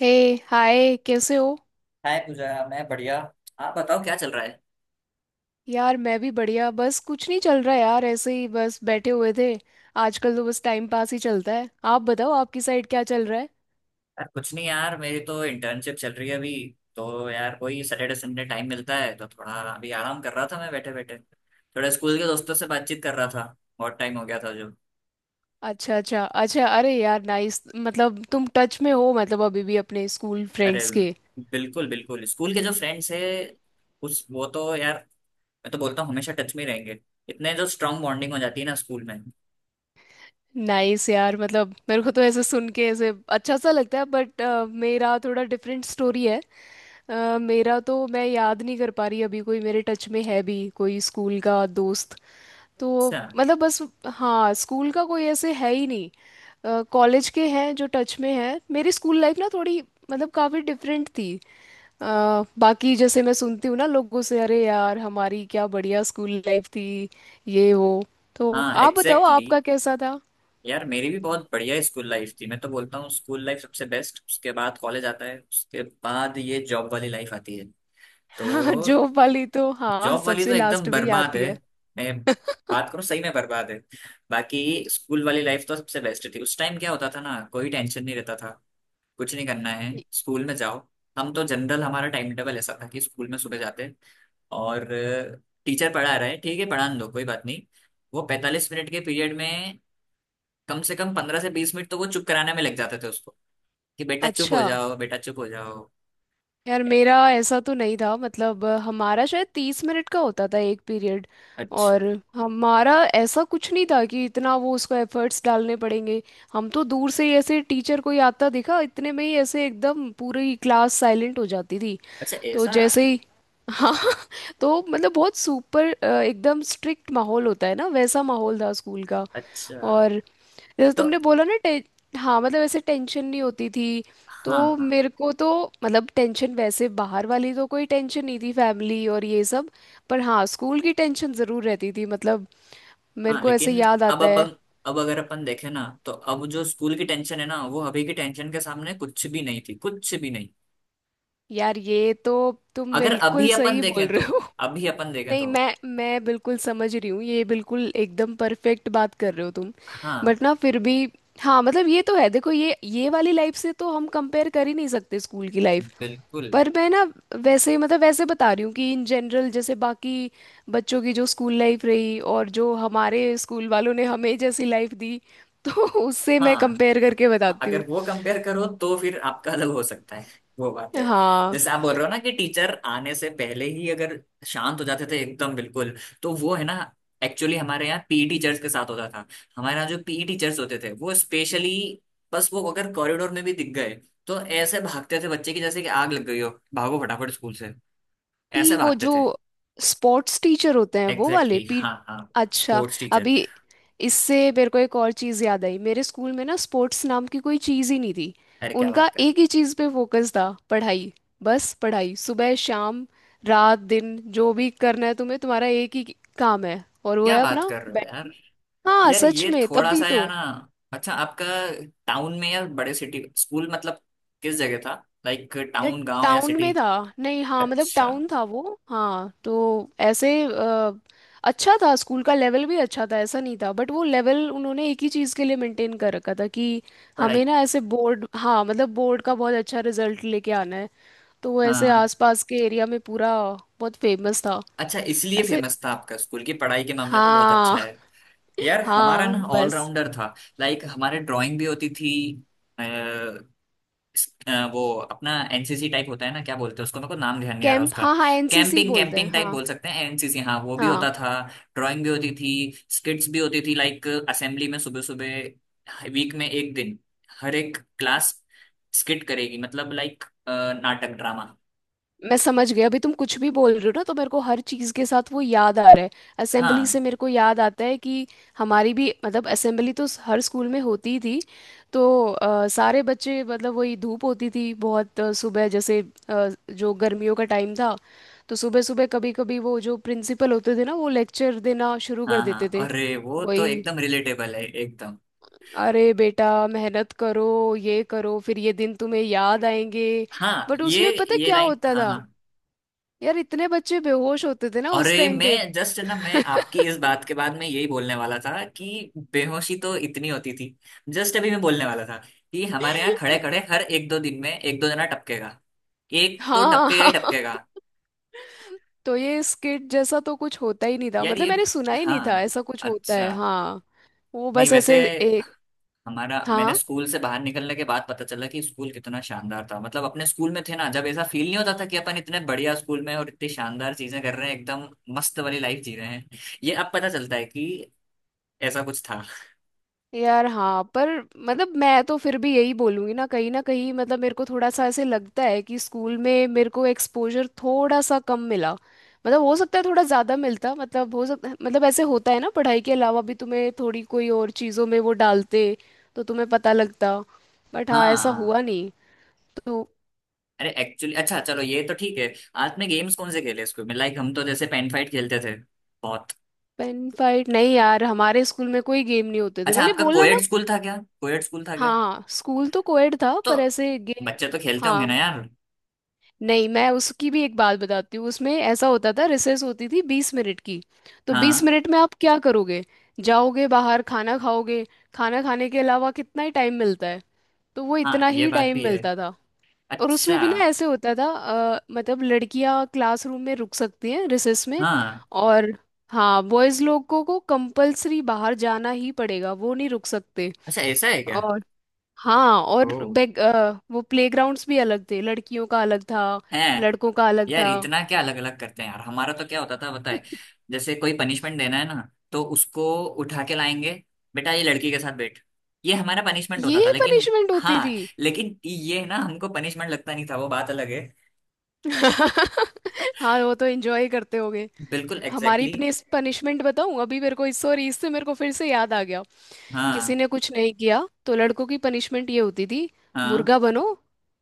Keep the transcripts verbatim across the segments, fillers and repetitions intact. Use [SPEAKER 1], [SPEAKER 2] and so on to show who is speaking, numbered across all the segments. [SPEAKER 1] हे। Hi, कैसे हो।
[SPEAKER 2] Hi Pooja, मैं बढ़िया। आप बताओ क्या चल रहा है।
[SPEAKER 1] यार मैं भी बढ़िया, बस कुछ नहीं चल रहा यार, ऐसे ही बस बैठे हुए थे। आजकल तो बस टाइम पास ही चलता है। आप बताओ, आपकी साइड क्या चल रहा है।
[SPEAKER 2] यार कुछ नहीं यार, मेरी तो इंटर्नशिप चल रही है अभी। तो यार कोई सैटरडे संडे टाइम मिलता है तो थोड़ा अभी आराम कर रहा था। मैं बैठे बैठे थोड़ा स्कूल के दोस्तों से बातचीत कर रहा था। बहुत टाइम हो गया था जो।
[SPEAKER 1] अच्छा अच्छा अच्छा, अरे यार नाइस, मतलब तुम टच में हो मतलब अभी भी अपने स्कूल
[SPEAKER 2] अरे
[SPEAKER 1] फ्रेंड्स के।
[SPEAKER 2] बिल्कुल बिल्कुल, स्कूल के जो फ्रेंड्स है उस वो तो यार, मैं तो बोलता हूँ हमेशा टच में ही रहेंगे। इतने जो स्ट्रांग बॉन्डिंग हो जाती है ना स्कूल में।
[SPEAKER 1] नाइस यार, मतलब मेरे को तो ऐसे सुन के ऐसे अच्छा सा लगता है, बट मेरा थोड़ा डिफरेंट स्टोरी है। अ, मेरा तो मैं याद नहीं कर पा रही अभी कोई मेरे टच में है भी कोई स्कूल का दोस्त। तो
[SPEAKER 2] अच्छा।
[SPEAKER 1] मतलब बस। हाँ स्कूल का कोई ऐसे है ही नहीं, कॉलेज के हैं जो टच में हैं। मेरी स्कूल लाइफ ना थोड़ी मतलब काफ़ी डिफरेंट थी। अ, बाकी जैसे मैं सुनती हूँ ना लोगों से, अरे यार हमारी क्या बढ़िया स्कूल लाइफ थी, ये वो। तो
[SPEAKER 2] हाँ
[SPEAKER 1] आप बताओ
[SPEAKER 2] एग्जैक्टली।
[SPEAKER 1] आपका कैसा था।
[SPEAKER 2] यार मेरी भी बहुत बढ़िया स्कूल लाइफ थी। मैं तो बोलता हूँ स्कूल लाइफ सबसे बेस्ट, उसके बाद कॉलेज आता है, उसके बाद ये जॉब वाली लाइफ आती है। तो
[SPEAKER 1] जॉब वाली तो हाँ
[SPEAKER 2] जॉब वाली
[SPEAKER 1] सबसे
[SPEAKER 2] तो एकदम
[SPEAKER 1] लास्ट में ही
[SPEAKER 2] बर्बाद
[SPEAKER 1] आती
[SPEAKER 2] है।
[SPEAKER 1] है।
[SPEAKER 2] मैं बात करूँ सही में बर्बाद है। बाकी स्कूल वाली लाइफ तो सबसे बेस्ट थी। उस टाइम क्या होता था ना, कोई टेंशन नहीं रहता था। कुछ नहीं करना है, स्कूल में जाओ। हम तो जनरल हमारा टाइम टेबल ऐसा था कि स्कूल में सुबह जाते। और टीचर पढ़ा रहा है, ठीक है पढ़ा दो, कोई बात नहीं। वो पैंतालीस मिनट के पीरियड में कम से कम पंद्रह से बीस मिनट तो वो चुप कराने में लग जाते थे उसको, कि बेटा चुप हो
[SPEAKER 1] अच्छा।
[SPEAKER 2] जाओ, बेटा चुप हो जाओ।
[SPEAKER 1] यार
[SPEAKER 2] ए-
[SPEAKER 1] मेरा ऐसा तो नहीं था मतलब, अ, हमारा शायद तीस मिनट का होता था एक पीरियड।
[SPEAKER 2] अच्छा।
[SPEAKER 1] और हमारा ऐसा कुछ नहीं था कि इतना वो उसको एफर्ट्स डालने पड़ेंगे। हम तो दूर से ही ऐसे टीचर कोई आता दिखा इतने में ही ऐसे एकदम पूरी क्लास साइलेंट हो जाती थी।
[SPEAKER 2] अच्छा
[SPEAKER 1] तो
[SPEAKER 2] ऐसा।
[SPEAKER 1] जैसे ही हाँ। तो मतलब बहुत सुपर अ, एकदम स्ट्रिक्ट माहौल होता है ना, वैसा माहौल था स्कूल का।
[SPEAKER 2] अच्छा।
[SPEAKER 1] और जैसे
[SPEAKER 2] तो
[SPEAKER 1] तुमने बोला ना टे, हाँ मतलब ऐसे टेंशन नहीं होती थी। तो
[SPEAKER 2] हाँ हाँ।
[SPEAKER 1] मेरे को तो मतलब टेंशन, वैसे बाहर वाली तो कोई टेंशन नहीं थी, फैमिली और ये सब। पर हाँ स्कूल की टेंशन ज़रूर रहती थी, मतलब मेरे
[SPEAKER 2] हाँ
[SPEAKER 1] को ऐसे
[SPEAKER 2] लेकिन
[SPEAKER 1] याद
[SPEAKER 2] अब
[SPEAKER 1] आता है।
[SPEAKER 2] अपन, अब अगर अपन देखें ना तो अब जो स्कूल की टेंशन है ना वो अभी की टेंशन के सामने कुछ भी नहीं थी, कुछ भी नहीं।
[SPEAKER 1] यार ये तो, तुम
[SPEAKER 2] अगर
[SPEAKER 1] बिल्कुल
[SPEAKER 2] अभी अपन
[SPEAKER 1] सही बोल
[SPEAKER 2] देखें
[SPEAKER 1] रहे
[SPEAKER 2] तो,
[SPEAKER 1] हो।
[SPEAKER 2] अभी अपन देखें
[SPEAKER 1] नहीं,
[SPEAKER 2] तो।
[SPEAKER 1] मैं मैं बिल्कुल समझ रही हूँ, ये बिल्कुल एकदम परफेक्ट बात कर रहे हो तुम।
[SPEAKER 2] हाँ।
[SPEAKER 1] बट ना फिर भी हाँ मतलब ये तो है, देखो ये ये वाली लाइफ से तो हम कंपेयर कर ही नहीं सकते स्कूल की लाइफ।
[SPEAKER 2] बिल्कुल।
[SPEAKER 1] पर मैं ना वैसे मतलब, वैसे बता रही हूँ कि इन जनरल जैसे बाकी बच्चों की जो स्कूल लाइफ रही और जो हमारे स्कूल वालों ने हमें जैसी लाइफ दी, तो उससे मैं
[SPEAKER 2] हाँ
[SPEAKER 1] कंपेयर करके बताती हूँ।
[SPEAKER 2] अगर वो कंपेयर करो तो फिर आपका अलग हो सकता है, वो बात है।
[SPEAKER 1] हाँ
[SPEAKER 2] जैसे आप बोल रहे हो ना कि टीचर आने से पहले ही अगर शांत हो जाते थे एकदम बिल्कुल, तो वो है ना एक्चुअली हमारे यहाँ पीई टीचर्स के साथ होता था। हमारे यहाँ जो पीई टीचर्स होते थे वो स्पेशली, बस वो अगर कॉरिडोर में भी दिख गए तो ऐसे भागते थे बच्चे की जैसे कि आग लग गई हो, भागो फटाफट स्कूल से।
[SPEAKER 1] पी
[SPEAKER 2] ऐसे
[SPEAKER 1] वो
[SPEAKER 2] भागते
[SPEAKER 1] जो
[SPEAKER 2] थे।
[SPEAKER 1] स्पोर्ट्स टीचर होते हैं वो
[SPEAKER 2] एग्जैक्टली
[SPEAKER 1] वाले
[SPEAKER 2] exactly,
[SPEAKER 1] पी।
[SPEAKER 2] हाँ हाँ।
[SPEAKER 1] अच्छा।
[SPEAKER 2] Sports teacher.
[SPEAKER 1] अभी इससे मेरे को एक और चीज़ याद आई, मेरे स्कूल में ना स्पोर्ट्स नाम की कोई चीज़ ही नहीं थी।
[SPEAKER 2] अरे क्या बात
[SPEAKER 1] उनका
[SPEAKER 2] कर
[SPEAKER 1] एक ही चीज़ पे फोकस था, पढ़ाई। बस पढ़ाई, सुबह शाम रात दिन, जो भी करना है तुम्हें, तुम्हारा एक ही काम है, और वो
[SPEAKER 2] क्या
[SPEAKER 1] है
[SPEAKER 2] बात
[SPEAKER 1] अपना
[SPEAKER 2] कर रहे हो यार,
[SPEAKER 1] बैठ। हाँ
[SPEAKER 2] यार
[SPEAKER 1] सच
[SPEAKER 2] ये
[SPEAKER 1] में, तब
[SPEAKER 2] थोड़ा
[SPEAKER 1] भी
[SPEAKER 2] सा
[SPEAKER 1] तो।
[SPEAKER 2] यार ना। अच्छा आपका टाउन में या बड़े सिटी स्कूल, मतलब किस जगह था, लाइक
[SPEAKER 1] यार
[SPEAKER 2] टाउन गांव या
[SPEAKER 1] टाउन
[SPEAKER 2] सिटी।
[SPEAKER 1] में था। नहीं हाँ मतलब
[SPEAKER 2] अच्छा।
[SPEAKER 1] टाउन था वो। हाँ तो ऐसे अ, अच्छा था, स्कूल का लेवल भी अच्छा था, ऐसा नहीं था। बट वो लेवल उन्होंने एक ही चीज़ के लिए मेंटेन कर रखा था कि
[SPEAKER 2] पढ़ाई।
[SPEAKER 1] हमें ना ऐसे बोर्ड, हाँ मतलब बोर्ड का बहुत अच्छा रिजल्ट लेके आना है। तो वो ऐसे
[SPEAKER 2] हाँ
[SPEAKER 1] आसपास के एरिया में पूरा बहुत फेमस था।
[SPEAKER 2] अच्छा इसलिए
[SPEAKER 1] ऐसे
[SPEAKER 2] फेमस था आपका स्कूल की पढ़ाई के मामले में बहुत अच्छा
[SPEAKER 1] हाँ।
[SPEAKER 2] है। यार हमारा
[SPEAKER 1] हाँ
[SPEAKER 2] ना
[SPEAKER 1] बस।
[SPEAKER 2] ऑलराउंडर था। लाइक हमारे ड्राइंग भी होती थी। अ, वो अपना एनसीसी टाइप होता है ना, क्या बोलते हैं उसको, मेरे को नाम ध्यान नहीं आ रहा
[SPEAKER 1] कैंप,
[SPEAKER 2] उसका।
[SPEAKER 1] हाँ हाँ एन सी सी
[SPEAKER 2] कैंपिंग
[SPEAKER 1] बोलते हैं,
[SPEAKER 2] कैंपिंग टाइप
[SPEAKER 1] हाँ।
[SPEAKER 2] बोल सकते हैं, एनसीसी हाँ वो भी होता
[SPEAKER 1] हाँ
[SPEAKER 2] था। ड्राइंग भी होती थी, स्किट्स भी होती थी, लाइक असेंबली में सुबह सुबह वीक में एक दिन हर एक क्लास स्किट करेगी, मतलब लाइक नाटक ड्रामा।
[SPEAKER 1] मैं समझ गई, अभी तुम कुछ भी बोल रहे हो ना तो मेरे को हर चीज़ के साथ वो याद आ रहा है। असेंबली
[SPEAKER 2] हाँ
[SPEAKER 1] से मेरे को याद आता है कि हमारी भी मतलब असेंबली तो हर स्कूल में होती ही थी। तो अ, सारे बच्चे मतलब वही धूप होती थी बहुत, अ, सुबह जैसे अ, जो गर्मियों का टाइम था, तो सुबह सुबह कभी कभी वो जो प्रिंसिपल होते थे ना, वो लेक्चर देना शुरू कर
[SPEAKER 2] हाँ।
[SPEAKER 1] देते
[SPEAKER 2] हाँ
[SPEAKER 1] थे।
[SPEAKER 2] अरे वो तो
[SPEAKER 1] वही,
[SPEAKER 2] एकदम रिलेटेबल है एकदम।
[SPEAKER 1] अरे बेटा मेहनत करो, ये करो, फिर ये दिन तुम्हें याद आएंगे।
[SPEAKER 2] हाँ
[SPEAKER 1] बट
[SPEAKER 2] ये
[SPEAKER 1] उसमें पता
[SPEAKER 2] ये
[SPEAKER 1] क्या
[SPEAKER 2] लाइन,
[SPEAKER 1] होता
[SPEAKER 2] हाँ
[SPEAKER 1] था,
[SPEAKER 2] हाँ।
[SPEAKER 1] यार इतने बच्चे बेहोश होते थे ना उस
[SPEAKER 2] अरे
[SPEAKER 1] टाइम पे।
[SPEAKER 2] मैं जस्ट ना, मैं आपकी इस बात के बाद मैं यही बोलने वाला था कि बेहोशी तो इतनी होती थी। जस्ट अभी मैं बोलने वाला था कि हमारे यहाँ खड़े खड़े हर एक दो दिन में एक दो जना टपकेगा। एक तो
[SPEAKER 1] हाँ
[SPEAKER 2] टपकेगा ही
[SPEAKER 1] हाँ।
[SPEAKER 2] टपकेगा।
[SPEAKER 1] तो ये स्किट जैसा तो कुछ होता ही नहीं था,
[SPEAKER 2] यार
[SPEAKER 1] मतलब
[SPEAKER 2] ये,
[SPEAKER 1] मैंने सुना ही नहीं था
[SPEAKER 2] हाँ।
[SPEAKER 1] ऐसा कुछ होता है।
[SPEAKER 2] अच्छा।
[SPEAKER 1] हाँ, वो
[SPEAKER 2] नहीं
[SPEAKER 1] बस
[SPEAKER 2] वैसे
[SPEAKER 1] ऐसे एक,
[SPEAKER 2] हमारा, मैंने
[SPEAKER 1] हाँ।
[SPEAKER 2] स्कूल से बाहर निकलने के बाद पता चला कि स्कूल कितना शानदार था। मतलब अपने स्कूल में थे ना जब, ऐसा फील नहीं होता था कि अपन इतने बढ़िया स्कूल में और इतनी शानदार चीजें कर रहे हैं एकदम मस्त वाली लाइफ जी रहे हैं। ये अब पता चलता है कि ऐसा कुछ था।
[SPEAKER 1] यार हाँ, पर मतलब मैं तो फिर भी यही बोलूँगी ना, कहीं ना कहीं मतलब मेरे को थोड़ा सा ऐसे लगता है कि स्कूल में मेरे को एक्सपोजर थोड़ा सा कम मिला, मतलब हो सकता है थोड़ा ज़्यादा मिलता, मतलब हो सकता, मतलब ऐसे होता है ना पढ़ाई के अलावा भी तुम्हें थोड़ी कोई और चीज़ों में वो डालते, तो तुम्हें पता लगता। बट हाँ ऐसा
[SPEAKER 2] हाँ।
[SPEAKER 1] हुआ नहीं। तो
[SPEAKER 2] अरे एक्चुअली, अच्छा चलो ये तो ठीक है। आपने गेम्स कौन से खेले स्कूल में, लाइक हम तो जैसे पेन फाइट खेलते थे बहुत।
[SPEAKER 1] पेन फाइट नहीं यार, हमारे स्कूल में कोई गेम नहीं होते थे,
[SPEAKER 2] अच्छा
[SPEAKER 1] मैंने
[SPEAKER 2] आपका
[SPEAKER 1] बोला
[SPEAKER 2] कोएड
[SPEAKER 1] ना।
[SPEAKER 2] स्कूल था क्या, कोएड स्कूल था क्या।
[SPEAKER 1] हाँ स्कूल तो कोएड था,
[SPEAKER 2] तो
[SPEAKER 1] पर ऐसे गेम
[SPEAKER 2] बच्चे तो खेलते होंगे ना यार।
[SPEAKER 1] नहीं। मैं उसकी भी एक बात बताती हूँ, उसमें ऐसा होता था, रिसेस होती थी बीस मिनट की। तो बीस
[SPEAKER 2] हाँ
[SPEAKER 1] मिनट में आप क्या करोगे, जाओगे बाहर खाना खाओगे, खाना खाने के अलावा कितना ही टाइम मिलता है, तो वो
[SPEAKER 2] हाँ
[SPEAKER 1] इतना
[SPEAKER 2] ये
[SPEAKER 1] ही
[SPEAKER 2] बात
[SPEAKER 1] टाइम
[SPEAKER 2] भी है।
[SPEAKER 1] मिलता था। और
[SPEAKER 2] अच्छा।
[SPEAKER 1] उसमें भी ना ऐसे होता था, अ, मतलब लड़कियां क्लासरूम में रुक सकती हैं रिसेस में,
[SPEAKER 2] हाँ।
[SPEAKER 1] और हाँ बॉयज लोगों को कंपलसरी बाहर जाना ही पड़ेगा, वो नहीं रुक सकते।
[SPEAKER 2] अच्छा ऐसा है क्या।
[SPEAKER 1] हाँ, और
[SPEAKER 2] ओ
[SPEAKER 1] बैक अ, वो प्लेग्राउंड्स भी अलग थे, लड़कियों का अलग था,
[SPEAKER 2] है।
[SPEAKER 1] लड़कों का अलग
[SPEAKER 2] यार
[SPEAKER 1] था।
[SPEAKER 2] इतना क्या अलग अलग करते हैं यार, हमारा तो क्या होता था बताए, जैसे कोई पनिशमेंट देना है ना तो उसको उठा के लाएंगे, बेटा ये लड़की के साथ बैठ, ये हमारा पनिशमेंट होता था,
[SPEAKER 1] ये
[SPEAKER 2] लेकिन
[SPEAKER 1] पनिशमेंट होती
[SPEAKER 2] हाँ
[SPEAKER 1] थी।
[SPEAKER 2] लेकिन ये ना हमको पनिशमेंट लगता नहीं था, वो बात अलग है।
[SPEAKER 1] हाँ वो तो एंजॉय करते होगे।
[SPEAKER 2] बिल्कुल
[SPEAKER 1] हमारी
[SPEAKER 2] एग्जैक्टली exactly,
[SPEAKER 1] पनिशमेंट बताऊं, अभी मेरे को सॉरी इससे मेरे को फिर से याद आ गया। किसी
[SPEAKER 2] हाँ
[SPEAKER 1] ने कुछ नहीं किया तो लड़कों की पनिशमेंट ये होती थी,
[SPEAKER 2] हाँ।
[SPEAKER 1] मुर्गा बनो।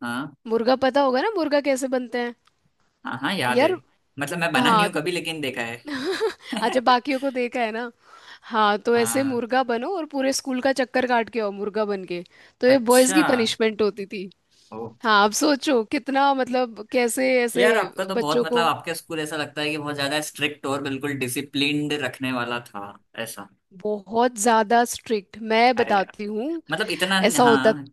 [SPEAKER 2] हाँ
[SPEAKER 1] मुर्गा पता होगा ना, मुर्गा कैसे बनते हैं।
[SPEAKER 2] हाँ हाँ याद है।
[SPEAKER 1] यार,
[SPEAKER 2] मतलब मैं बना नहीं हूँ
[SPEAKER 1] हाँ।
[SPEAKER 2] कभी, लेकिन देखा है।
[SPEAKER 1] अच्छा, बाकियों को देखा है ना। हाँ तो ऐसे
[SPEAKER 2] हाँ।
[SPEAKER 1] मुर्गा बनो और पूरे स्कूल का चक्कर काट के आओ मुर्गा बन के। तो ये बॉयज
[SPEAKER 2] अच्छा।
[SPEAKER 1] की पनिशमेंट होती थी।
[SPEAKER 2] ओ।
[SPEAKER 1] हाँ आप सोचो कितना, मतलब कैसे ऐसे
[SPEAKER 2] यार आपका तो बहुत
[SPEAKER 1] बच्चों
[SPEAKER 2] मतलब
[SPEAKER 1] को,
[SPEAKER 2] आपके स्कूल ऐसा लगता है कि बहुत ज्यादा स्ट्रिक्ट और बिल्कुल डिसिप्लिन्ड रखने वाला था ऐसा।
[SPEAKER 1] बहुत ज्यादा स्ट्रिक्ट मैं
[SPEAKER 2] अरे
[SPEAKER 1] बताती हूँ,
[SPEAKER 2] मतलब इतना।
[SPEAKER 1] ऐसा होता।
[SPEAKER 2] हाँ।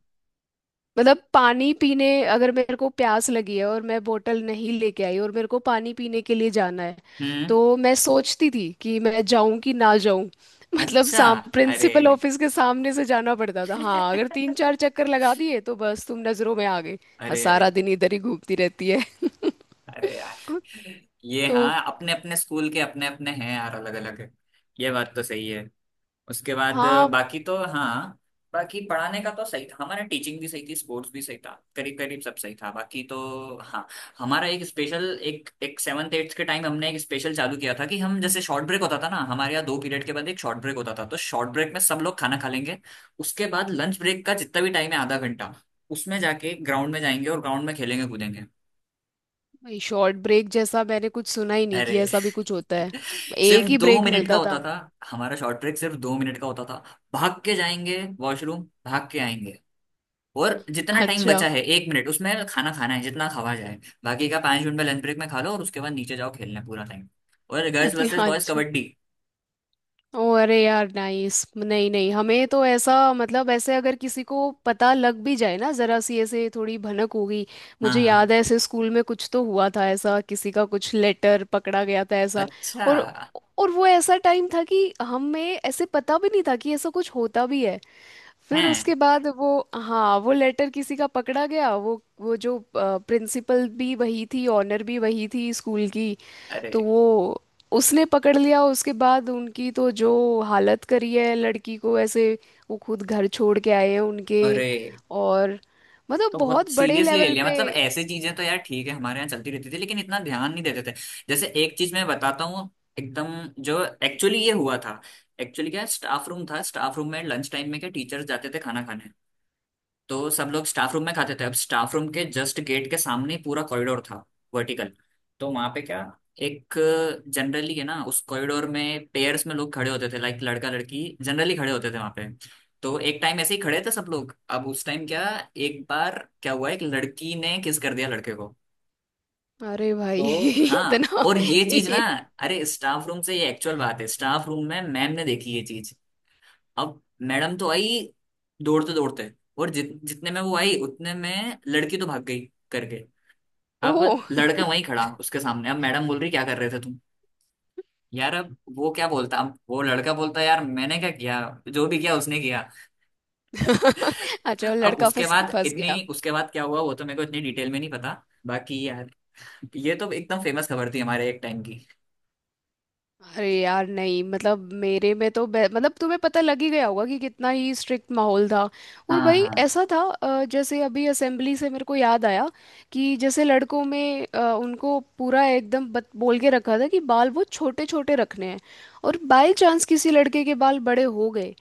[SPEAKER 1] मतलब पानी पीने, अगर मेरे को प्यास लगी है और मैं बोतल नहीं लेके आई और मेरे को पानी पीने के लिए जाना है,
[SPEAKER 2] हम्म।
[SPEAKER 1] तो मैं सोचती थी कि मैं जाऊं कि ना जाऊं। मतलब
[SPEAKER 2] अच्छा।
[SPEAKER 1] साम
[SPEAKER 2] अरे
[SPEAKER 1] प्रिंसिपल ऑफिस के सामने से जाना पड़ता था, हाँ अगर तीन चार चक्कर लगा दिए तो बस तुम नजरों में आ गए। हाँ,
[SPEAKER 2] अरे
[SPEAKER 1] सारा
[SPEAKER 2] अरे।
[SPEAKER 1] दिन इधर ही घूमती रहती है।
[SPEAKER 2] अरे यार ये,
[SPEAKER 1] तो
[SPEAKER 2] हाँ अपने अपने स्कूल के अपने अपने हैं यार, अलग अलग। ये बात तो सही है। उसके बाद
[SPEAKER 1] हाँ।
[SPEAKER 2] बाकी तो हाँ, बाकी पढ़ाने का तो सही था, हमारा टीचिंग भी सही थी, स्पोर्ट्स भी सही था, करीब करीब सब सही था बाकी तो। हाँ। हमारा एक स्पेशल, एक एक सेवन्थ एट्थ के टाइम हमने एक स्पेशल चालू किया था कि हम, जैसे शॉर्ट ब्रेक होता था ना हमारे यहाँ दो पीरियड के बाद एक शॉर्ट ब्रेक होता था, तो शॉर्ट ब्रेक में सब लोग खाना खा लेंगे, उसके बाद लंच ब्रेक का जितना भी टाइम है आधा घंटा उसमें जाके ग्राउंड में जाएंगे और ग्राउंड में खेलेंगे कूदेंगे।
[SPEAKER 1] भाई, शॉर्ट ब्रेक जैसा मैंने कुछ सुना ही नहीं
[SPEAKER 2] अरे
[SPEAKER 1] कि ऐसा भी कुछ होता है,
[SPEAKER 2] सिर्फ
[SPEAKER 1] एक ही
[SPEAKER 2] दो
[SPEAKER 1] ब्रेक
[SPEAKER 2] मिनट का
[SPEAKER 1] मिलता
[SPEAKER 2] होता
[SPEAKER 1] था।
[SPEAKER 2] था, हमारा शॉर्ट ब्रेक सिर्फ दो मिनट का होता था। भाग के जाएंगे वॉशरूम, भाग के आएंगे, और जितना टाइम
[SPEAKER 1] अच्छा।
[SPEAKER 2] बचा है एक मिनट उसमें खाना खाना है जितना खावा जाए। बाकी का पांच मिनट में लंच ब्रेक में खा लो, और उसके बाद नीचे जाओ खेलने पूरा टाइम। और गर्ल्स वर्सेस बॉयज
[SPEAKER 1] अच्छा,
[SPEAKER 2] कबड्डी।
[SPEAKER 1] ओ अरे यार नाइस। नहीं नहीं, हमें तो ऐसा, मतलब ऐसे अगर किसी को पता लग भी जाए ना, जरा सी ऐसे थोड़ी भनक होगी।
[SPEAKER 2] हाँ
[SPEAKER 1] मुझे
[SPEAKER 2] हाँ
[SPEAKER 1] याद है, ऐसे स्कूल में कुछ तो हुआ था ऐसा, किसी का कुछ लेटर पकड़ा गया था ऐसा।
[SPEAKER 2] अच्छा
[SPEAKER 1] और और वो ऐसा टाइम था कि हमें ऐसे पता भी नहीं था कि ऐसा कुछ होता भी है। फिर
[SPEAKER 2] है।
[SPEAKER 1] उसके बाद वो, हाँ वो लेटर किसी का पकड़ा गया, वो वो जो प्रिंसिपल भी वही थी ऑनर भी वही थी स्कूल की। तो
[SPEAKER 2] अरे
[SPEAKER 1] वो, उसने पकड़ लिया, उसके बाद उनकी तो जो हालत करी है लड़की को ऐसे, वो खुद घर छोड़ के आए हैं उनके।
[SPEAKER 2] अरे।
[SPEAKER 1] और मतलब
[SPEAKER 2] तो बहुत
[SPEAKER 1] बहुत बड़े
[SPEAKER 2] सीरियसली ले
[SPEAKER 1] लेवल
[SPEAKER 2] लिया,
[SPEAKER 1] पे।
[SPEAKER 2] मतलब ऐसी चीजें तो यार ठीक है हमारे यहाँ चलती रहती थी लेकिन इतना ध्यान नहीं देते थे। जैसे एक चीज मैं बताता हूँ एकदम, जो एक्चुअली ये हुआ था। एक्चुअली क्या, स्टाफ रूम था, स्टाफ रूम में लंच टाइम में क्या टीचर्स जाते थे खाना खाने, तो सब लोग स्टाफ रूम में खाते थे। अब स्टाफ रूम के जस्ट गेट के सामने ही पूरा कॉरिडोर था वर्टिकल, तो वहां पे क्या, एक, जनरली है ना उस कॉरिडोर में पेयर्स में लोग खड़े होते थे, लाइक लड़का लड़की जनरली खड़े होते थे वहां पे। तो एक टाइम ऐसे ही खड़े थे सब लोग, अब उस टाइम क्या, एक बार क्या हुआ एक लड़की ने किस कर दिया लड़के को।
[SPEAKER 1] अरे भाई
[SPEAKER 2] तो हाँ,
[SPEAKER 1] इतना,
[SPEAKER 2] और ये चीज ना,
[SPEAKER 1] ये,
[SPEAKER 2] अरे स्टाफ रूम से, ये एक्चुअल बात है, स्टाफ रूम में मैम ने देखी ये चीज। अब मैडम तो आई दौड़ते दौड़ते, और जित जितने में वो आई उतने में लड़की तो भाग गई करके।
[SPEAKER 1] ओ।
[SPEAKER 2] अब लड़का वहीं खड़ा उसके सामने, अब मैडम बोल रही क्या कर रहे थे तुम। यार अब वो क्या बोलता, अब वो लड़का बोलता यार मैंने क्या किया, जो भी किया उसने किया।
[SPEAKER 1] अच्छा वो
[SPEAKER 2] अब
[SPEAKER 1] लड़का
[SPEAKER 2] उसके
[SPEAKER 1] फंस
[SPEAKER 2] बाद
[SPEAKER 1] फंस
[SPEAKER 2] इतनी,
[SPEAKER 1] गया।
[SPEAKER 2] उसके बाद क्या हुआ वो तो मेरे को इतनी डिटेल में नहीं पता, बाकी यार ये तो एकदम फेमस खबर थी हमारे एक टाइम की।
[SPEAKER 1] अरे यार नहीं, मतलब मेरे में तो बे- मतलब तुम्हें पता लग ही गया होगा कि कितना ही स्ट्रिक्ट माहौल था। और
[SPEAKER 2] हाँ
[SPEAKER 1] भाई
[SPEAKER 2] हाँ।
[SPEAKER 1] ऐसा था, अ, जैसे अभी असेंबली से मेरे को याद आया कि जैसे लड़कों में, अ, उनको पूरा एकदम बत, बोल के रखा था कि बाल वो छोटे छोटे रखने हैं। और बाय चांस किसी लड़के के बाल बड़े हो गए,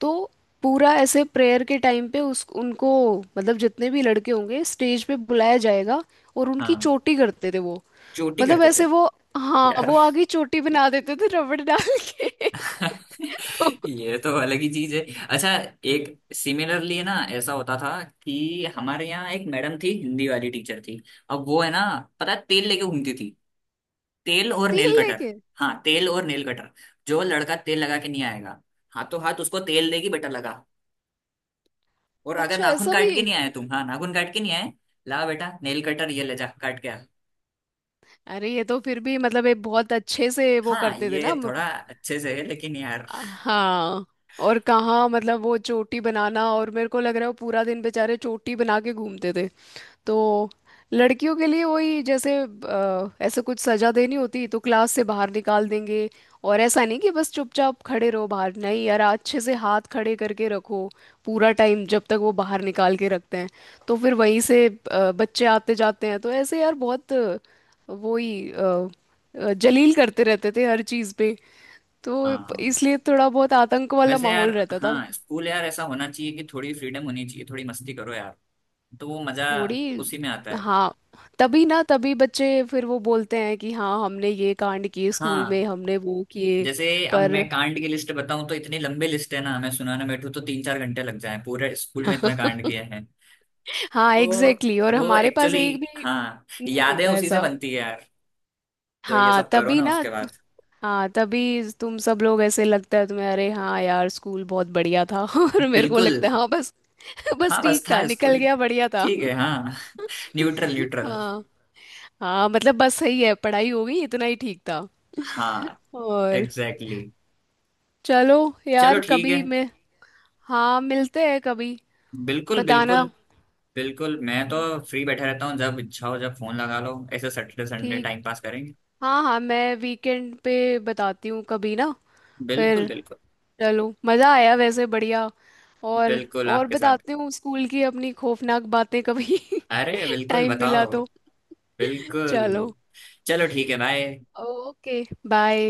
[SPEAKER 1] तो पूरा ऐसे प्रेयर के टाइम पे उस उनको मतलब जितने भी लड़के होंगे स्टेज पे बुलाया जाएगा, और उनकी
[SPEAKER 2] हाँ
[SPEAKER 1] चोटी करते थे वो।
[SPEAKER 2] चोटी
[SPEAKER 1] मतलब
[SPEAKER 2] करते थे।
[SPEAKER 1] ऐसे वो, हाँ
[SPEAKER 2] यार
[SPEAKER 1] वो आगे चोटी बना देते थे रबड़ डाल के। तो
[SPEAKER 2] ये तो अलग ही चीज है। अच्छा एक सिमिलरली है ना, ऐसा होता था कि हमारे यहाँ एक मैडम थी हिंदी वाली टीचर थी। अब वो है ना, पता है, तेल लेके घूमती थी, तेल और
[SPEAKER 1] तीर
[SPEAKER 2] नेल कटर।
[SPEAKER 1] लेके,
[SPEAKER 2] हाँ तेल और नेल कटर। जो लड़का तेल लगा के नहीं आएगा हाथों हाथ उसको तेल देगी, बेटा लगा। और अगर
[SPEAKER 1] अच्छा
[SPEAKER 2] नाखून
[SPEAKER 1] ऐसा भी।
[SPEAKER 2] काट के नहीं आए तुम, हाँ नाखून काट के नहीं आए, ला बेटा नेल कटर ये ले जा काट के आ।
[SPEAKER 1] अरे ये तो फिर भी मतलब एक बहुत अच्छे से वो
[SPEAKER 2] हाँ
[SPEAKER 1] करते थे ना
[SPEAKER 2] ये
[SPEAKER 1] म-
[SPEAKER 2] थोड़ा अच्छे से है लेकिन यार
[SPEAKER 1] हाँ। और कहाँ मतलब, वो चोटी बनाना, और मेरे को लग रहा है वो पूरा दिन बेचारे चोटी बना के घूमते थे। तो लड़कियों के लिए वही, जैसे अ, ऐसे कुछ सजा देनी होती तो क्लास से बाहर निकाल देंगे। और ऐसा नहीं कि बस चुपचाप खड़े रहो बाहर, नहीं यार, अच्छे से हाथ खड़े करके रखो पूरा टाइम जब तक वो बाहर निकाल के रखते हैं। तो फिर वहीं से अ, बच्चे आते जाते हैं, तो ऐसे यार बहुत, अ, वो ही अ, अ, जलील करते रहते थे हर चीज़ पे। तो
[SPEAKER 2] हाँ।
[SPEAKER 1] इसलिए थोड़ा बहुत आतंक वाला
[SPEAKER 2] वैसे यार
[SPEAKER 1] माहौल रहता था।
[SPEAKER 2] हाँ, स्कूल यार ऐसा होना चाहिए कि थोड़ी फ्रीडम होनी चाहिए, थोड़ी मस्ती करो यार, तो वो मजा
[SPEAKER 1] थोड़ी,
[SPEAKER 2] उसी में आता है।
[SPEAKER 1] हाँ तभी ना, तभी बच्चे फिर वो बोलते हैं कि हाँ हमने ये कांड किए स्कूल में
[SPEAKER 2] हाँ।
[SPEAKER 1] हमने वो किए।
[SPEAKER 2] जैसे अब
[SPEAKER 1] पर
[SPEAKER 2] मैं कांड की लिस्ट बताऊं तो इतनी लंबी लिस्ट है ना, मैं सुनाने बैठूं तो तीन चार घंटे लग जाए, पूरे स्कूल में इतना कांड किया है।
[SPEAKER 1] हाँ
[SPEAKER 2] तो
[SPEAKER 1] एग्जैक्टली exactly, और
[SPEAKER 2] वो
[SPEAKER 1] हमारे पास
[SPEAKER 2] एक्चुअली,
[SPEAKER 1] एक भी
[SPEAKER 2] हाँ
[SPEAKER 1] नहीं
[SPEAKER 2] यादें
[SPEAKER 1] होता
[SPEAKER 2] उसी से
[SPEAKER 1] ऐसा।
[SPEAKER 2] बनती है यार, जो ये
[SPEAKER 1] हाँ
[SPEAKER 2] सब करो
[SPEAKER 1] तभी
[SPEAKER 2] ना
[SPEAKER 1] ना,
[SPEAKER 2] उसके बाद।
[SPEAKER 1] हाँ तभी तुम सब लोग, ऐसे लगता है तुम्हें अरे हाँ यार स्कूल बहुत बढ़िया था। और मेरे को
[SPEAKER 2] बिल्कुल।
[SPEAKER 1] लगता है हाँ बस। बस
[SPEAKER 2] हाँ बस
[SPEAKER 1] ठीक था,
[SPEAKER 2] था
[SPEAKER 1] निकल
[SPEAKER 2] स्कूल,
[SPEAKER 1] गया, बढ़िया था।
[SPEAKER 2] ठीक है हाँ। Neutral neutral.
[SPEAKER 1] हाँ हाँ मतलब बस सही है, पढ़ाई हो गई, इतना ही ठीक था।
[SPEAKER 2] हाँ
[SPEAKER 1] और
[SPEAKER 2] एग्जैक्टली exactly.
[SPEAKER 1] चलो
[SPEAKER 2] चलो
[SPEAKER 1] यार,
[SPEAKER 2] ठीक
[SPEAKER 1] कभी
[SPEAKER 2] है।
[SPEAKER 1] मैं, हाँ मिलते हैं कभी
[SPEAKER 2] बिल्कुल
[SPEAKER 1] बताना।
[SPEAKER 2] बिल्कुल। बिल्कुल मैं तो फ्री बैठा रहता हूँ, जब इच्छा हो जब फोन लगा लो, ऐसे सैटरडे संडे
[SPEAKER 1] ठीक।
[SPEAKER 2] टाइम पास करेंगे।
[SPEAKER 1] हाँ हाँ मैं वीकेंड पे बताती हूँ कभी ना।
[SPEAKER 2] बिल्कुल
[SPEAKER 1] फिर
[SPEAKER 2] बिल्कुल।
[SPEAKER 1] चलो, मज़ा आया वैसे, बढ़िया। और
[SPEAKER 2] बिल्कुल
[SPEAKER 1] और
[SPEAKER 2] आपके साथ।
[SPEAKER 1] बताती हूँ स्कूल की अपनी खौफनाक बातें कभी।
[SPEAKER 2] अरे बिल्कुल
[SPEAKER 1] टाइम मिला
[SPEAKER 2] बताओ।
[SPEAKER 1] तो चलो।
[SPEAKER 2] बिल्कुल। चलो ठीक है भाई।
[SPEAKER 1] Okay, bye.